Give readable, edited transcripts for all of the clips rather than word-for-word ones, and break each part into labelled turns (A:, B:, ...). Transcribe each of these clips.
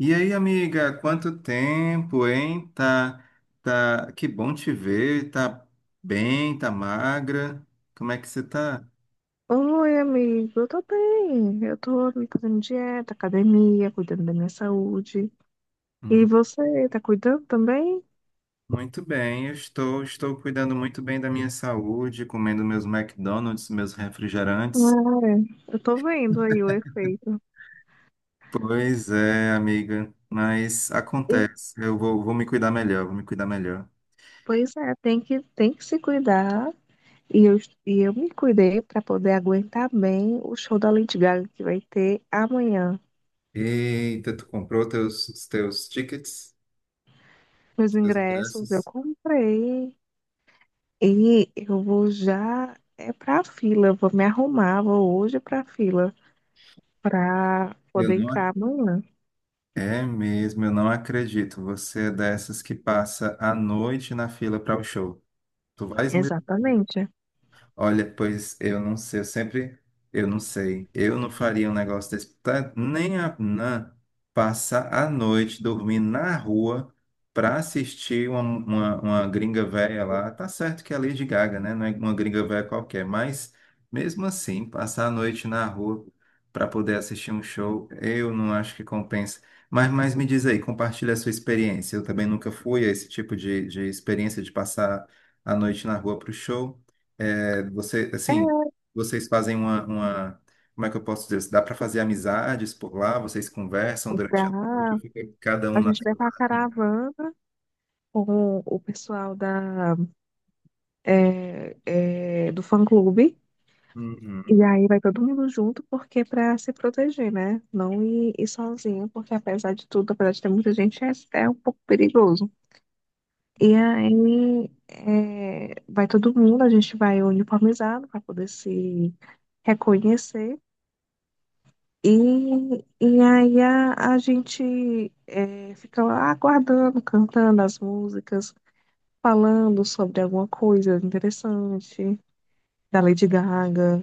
A: E aí, amiga, quanto tempo, hein? Tá, tá, que bom te ver, tá bem, tá magra. Como é que você tá?
B: Oi, amigo, eu tô bem. Eu tô me fazendo dieta, academia, cuidando da minha saúde. E
A: Hum.
B: você, tá cuidando também?
A: Muito bem, eu estou cuidando muito bem da minha saúde, comendo meus McDonald's, meus refrigerantes.
B: Ah, eu tô vendo aí o efeito.
A: Pois é, amiga, mas
B: E,
A: acontece. Eu vou me cuidar melhor, vou me cuidar melhor.
B: pois é, tem que se cuidar. E eu, e eu me cuidei pra poder aguentar bem o show da Lady Gaga que vai ter amanhã.
A: Eita, os teus tickets,
B: Meus
A: os teus
B: ingressos eu
A: ingressos?
B: comprei e eu vou já é pra fila. Eu vou me arrumar, vou hoje pra fila pra
A: Eu
B: poder
A: não
B: entrar amanhã.
A: É mesmo, eu não acredito. Você é dessas que passa a noite na fila para o show. Tu vais mesmo?
B: Exatamente.
A: Olha, pois eu não sei, eu não faria um negócio desse, tá? Nem a Nan passar a noite dormindo na rua para assistir uma gringa velha lá. Tá certo que é a Lady Gaga, né? Não é uma gringa velha qualquer, mas mesmo assim, passar a noite na rua para poder assistir um show, eu não acho que compensa. Mas me diz aí, compartilha a sua experiência. Eu também nunca fui a esse tipo de experiência de passar a noite na rua para o show. É. Você, assim, vocês fazem como é que eu posso dizer? Dá para fazer amizades por lá? Vocês conversam durante a noite?
B: Dá-
A: Ou fica cada um
B: a
A: na
B: gente vai
A: sua
B: para a
A: barraquinha?
B: caravana com o pessoal é, do fã-clube.
A: Uhum.
B: E aí vai todo mundo junto, porque para se proteger, né? Não ir sozinho, porque apesar de tudo, apesar de ter muita gente, é um pouco perigoso. E aí é, vai todo mundo, a gente vai uniformizado para poder se reconhecer. E, e aí a gente fica lá aguardando, cantando as músicas, falando sobre alguma coisa interessante da Lady Gaga.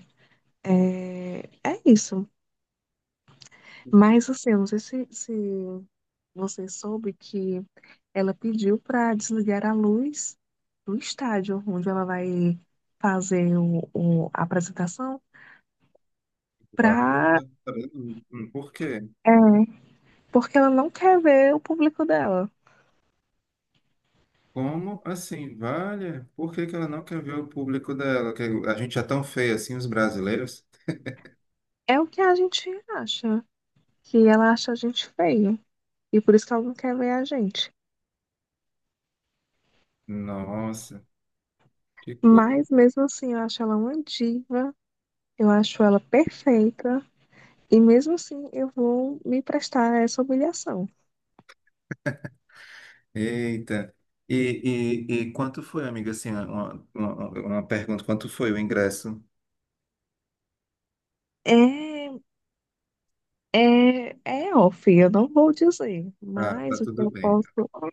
B: É, é isso. Mas assim, eu não sei se você soube que ela pediu para desligar a luz do estádio onde ela vai fazer a apresentação,
A: Guarda,
B: pra,
A: tá vendo? Hum. Por quê?
B: é, porque ela não quer ver o público dela.
A: Como assim? Vale? Por que que ela não quer ver o público dela? Que a gente é tão feio assim, os brasileiros?
B: É o que a gente acha, que ela acha a gente feio e por isso que ela não quer ver a gente.
A: Nossa, que coisa.
B: Mas mesmo assim, eu acho ela uma diva, eu acho ela perfeita e mesmo assim eu vou me prestar a essa humilhação.
A: Eita. E, e quanto foi, amiga? Assim, uma pergunta: quanto foi o ingresso?
B: É, É off, eu não vou dizer,
A: Ah, tá
B: mas o que
A: tudo
B: eu
A: bem.
B: posso,
A: Tá
B: o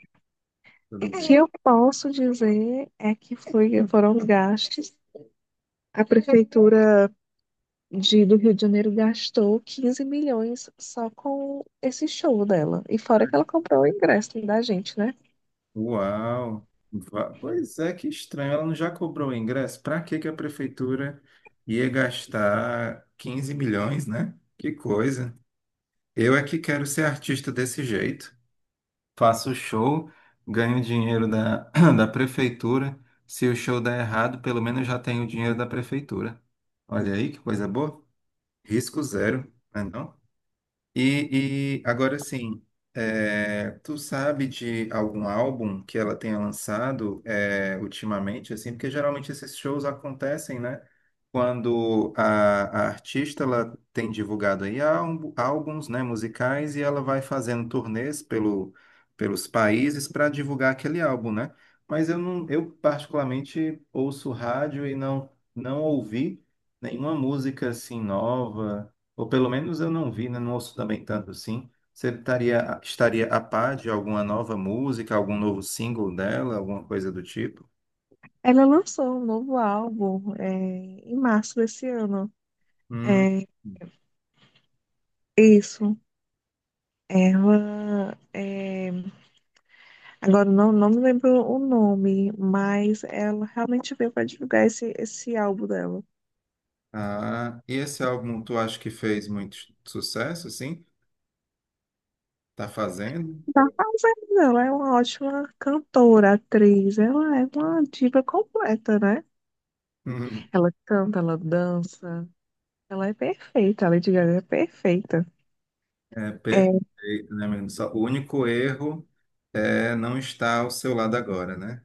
A: Tudo
B: que
A: bem.
B: eu posso dizer é que foi, foram gastos. A prefeitura do Rio de Janeiro gastou 15 milhões só com esse show dela. E fora que ela comprou o ingresso da gente, né?
A: Uau! Pois é, que estranho. Ela não já cobrou o ingresso? Para que que a prefeitura ia gastar 15 milhões, né? Que coisa. Eu é que quero ser artista desse jeito. Faço show, ganho dinheiro da, da prefeitura. Se o show der errado, pelo menos já tenho o dinheiro da prefeitura. Olha aí que coisa boa. Risco zero, né não? E agora sim, é, tu sabe de algum álbum que ela tenha lançado, é, ultimamente, assim, porque geralmente esses shows acontecem, né? Quando a artista ela tem divulgado aí álbuns, né, musicais, e ela vai fazendo turnês pelo, pelos países para divulgar aquele álbum, né? Mas eu não, eu particularmente ouço rádio e não ouvi nenhuma música assim nova. Ou pelo menos eu não vi, né? Não ouço também tanto assim. Você estaria a par de alguma nova música, algum novo single dela, alguma coisa do tipo?
B: Ela lançou um novo álbum é, em março desse ano.
A: Hum.
B: É, isso. Ela. Agora não me lembro o nome, mas ela realmente veio para divulgar esse álbum dela.
A: Ah, e esse álbum tu acha que fez muito sucesso, assim? Tá fazendo?
B: Tá fazendo, ela é uma ótima cantora, atriz, ela é uma diva completa, né?
A: Hum.
B: Ela canta, ela dança, ela é perfeita, a Lady Gaga é perfeita.
A: É
B: É,
A: perfeito, né, menino? Só, o único erro é não estar ao seu lado agora, né?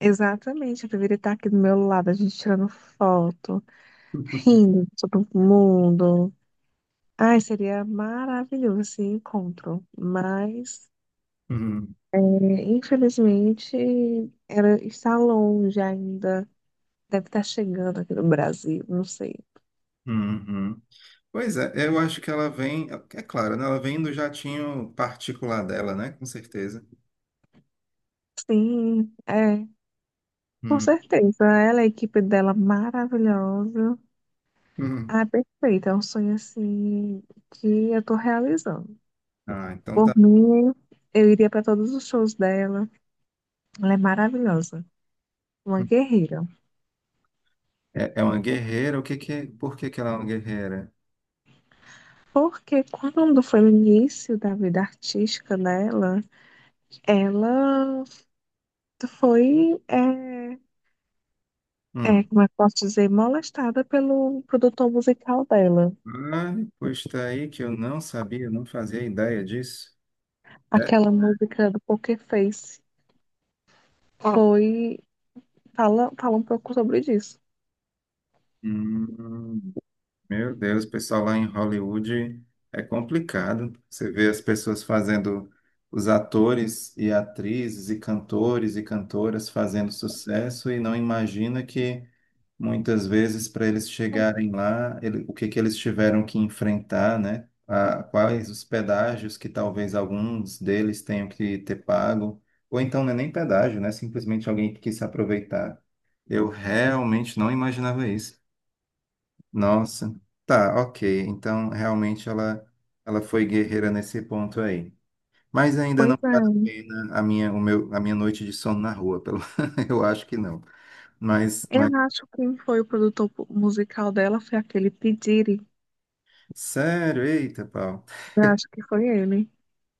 B: exatamente, eu deveria estar aqui do meu lado, a gente tirando foto, rindo todo mundo. Ai, seria maravilhoso esse encontro, mas
A: Uhum,
B: é, infelizmente era, está longe ainda. Deve estar chegando aqui no Brasil, não sei.
A: uhum. Pois é, eu acho que ela vem, é claro, né? Ela vem do jatinho particular dela, né? Com certeza.
B: Sim, com certeza. Ela, a equipe dela maravilhosa.
A: Uhum.
B: Ah, perfeita. É um sonho assim que eu tô realizando.
A: Ah, então
B: Por
A: tá.
B: mim, eu iria para todos os shows dela. Ela é maravilhosa, uma guerreira.
A: É, é uma guerreira. O que que, por que que ela é uma guerreira?
B: Porque quando foi o início da vida artística dela, ela foi, é,
A: Hum.
B: como é que posso dizer, molestada pelo produtor musical dela.
A: Ah, pois tá aí que eu não sabia, não fazia ideia disso. É?
B: Aquela música do Poker Face foi, fala um pouco sobre isso.
A: Hum. Meu Deus, o pessoal lá em Hollywood é complicado. Você vê as pessoas fazendo, os atores e atrizes e cantores e cantoras fazendo sucesso e não imagina que muitas vezes para eles chegarem lá, o que que eles tiveram que enfrentar, né? Quais os pedágios que talvez alguns deles tenham que ter pago, ou então não é nem pedágio, né? Simplesmente alguém que quis se aproveitar. Eu realmente não imaginava isso. Nossa, tá, ok. Então, realmente ela foi guerreira nesse ponto aí. Mas ainda não
B: Pois é,
A: vale a pena a minha noite de sono na rua, pelo... eu acho que não. Mas,
B: eu
A: mas,
B: acho que quem foi o produtor musical dela foi aquele P. Diddy.
A: sério, eita, pau.
B: Eu acho que foi ele.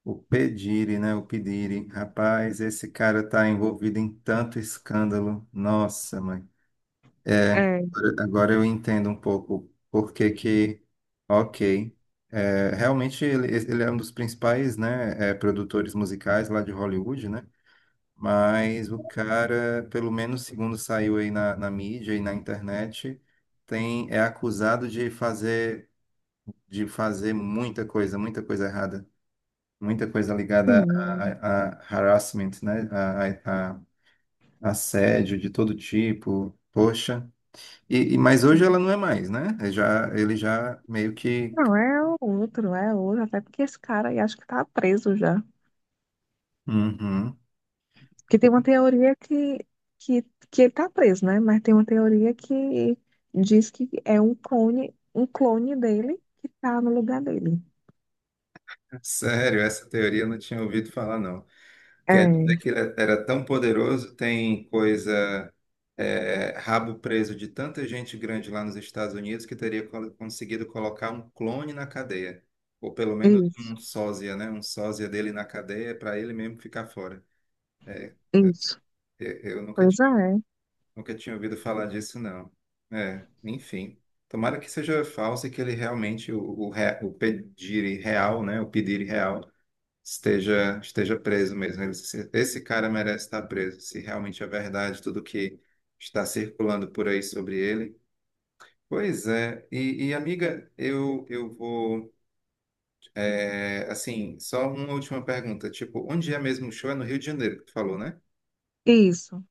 A: O Pedire, né? O Pedire, rapaz, esse cara tá envolvido em tanto escândalo. Nossa, mãe. É,
B: É,
A: agora eu entendo um pouco por que que, ok, é, realmente ele é um dos principais, né, é, produtores musicais lá de Hollywood, né, mas o cara, pelo menos segundo saiu aí na mídia e na internet, é acusado de fazer muita coisa errada, muita coisa ligada
B: sim,
A: a harassment, né, a a assédio de todo tipo, poxa. Mas hoje
B: sim.
A: ela não é mais, né? Ele já meio que.
B: Não, é outro, até porque esse cara aí acho que tá preso já.
A: Uhum.
B: Porque tem uma que, que ele tá preso, né? Mas tem uma teoria que diz que é um clone dele que tá no lugar dele.
A: Sério, essa teoria eu não tinha ouvido falar, não. Quer dizer
B: É,
A: que ele era tão poderoso, tem coisa, é, rabo preso de tanta gente grande lá nos Estados Unidos que teria conseguido colocar um clone na cadeia. Ou pelo menos
B: isso,
A: um sósia, né? Um sósia dele na cadeia para ele mesmo ficar fora. É,
B: isso.
A: eu nunca
B: Pois é,
A: nunca tinha ouvido falar disso, não. É, enfim. Tomara que seja falso e que ele realmente, o Pediri real, né? O Pediri real esteja preso mesmo. Esse esse cara merece estar preso, se realmente é verdade tudo que está circulando por aí sobre ele. Pois é. Amiga, eu vou. É, assim, só uma última pergunta. Tipo, onde é mesmo o show? É no Rio de Janeiro que tu falou, né?
B: isso.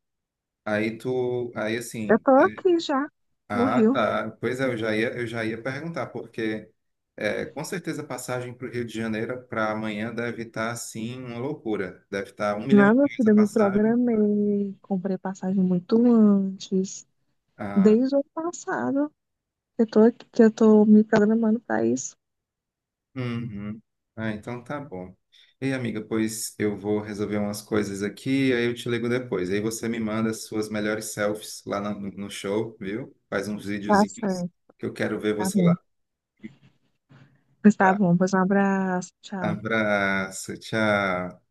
A: Aí tu, aí
B: Eu
A: assim,
B: tô aqui já, no
A: Ah,
B: Rio.
A: tá. Pois é, eu já ia perguntar, porque é, com certeza a passagem para o Rio de Janeiro para amanhã deve estar, assim, uma loucura. Deve estar um milhão
B: Na
A: de
B: minha
A: reais a
B: vida, eu me
A: passagem.
B: programei, comprei passagem muito antes.
A: Ah,
B: Desde o ano passado, eu tô aqui, que eu tô me programando pra isso.
A: uhum. Ah, então tá bom. Ei, amiga, pois eu vou resolver umas coisas aqui, aí eu te ligo depois. Aí você me manda as suas melhores selfies lá no, no show, viu? Faz uns
B: Tá
A: videozinhos
B: certo,
A: que eu quero ver
B: tá
A: você lá.
B: bom. Pois tá
A: Tá.
B: bom, pois um abraço, tchau.
A: Abraço, tchau.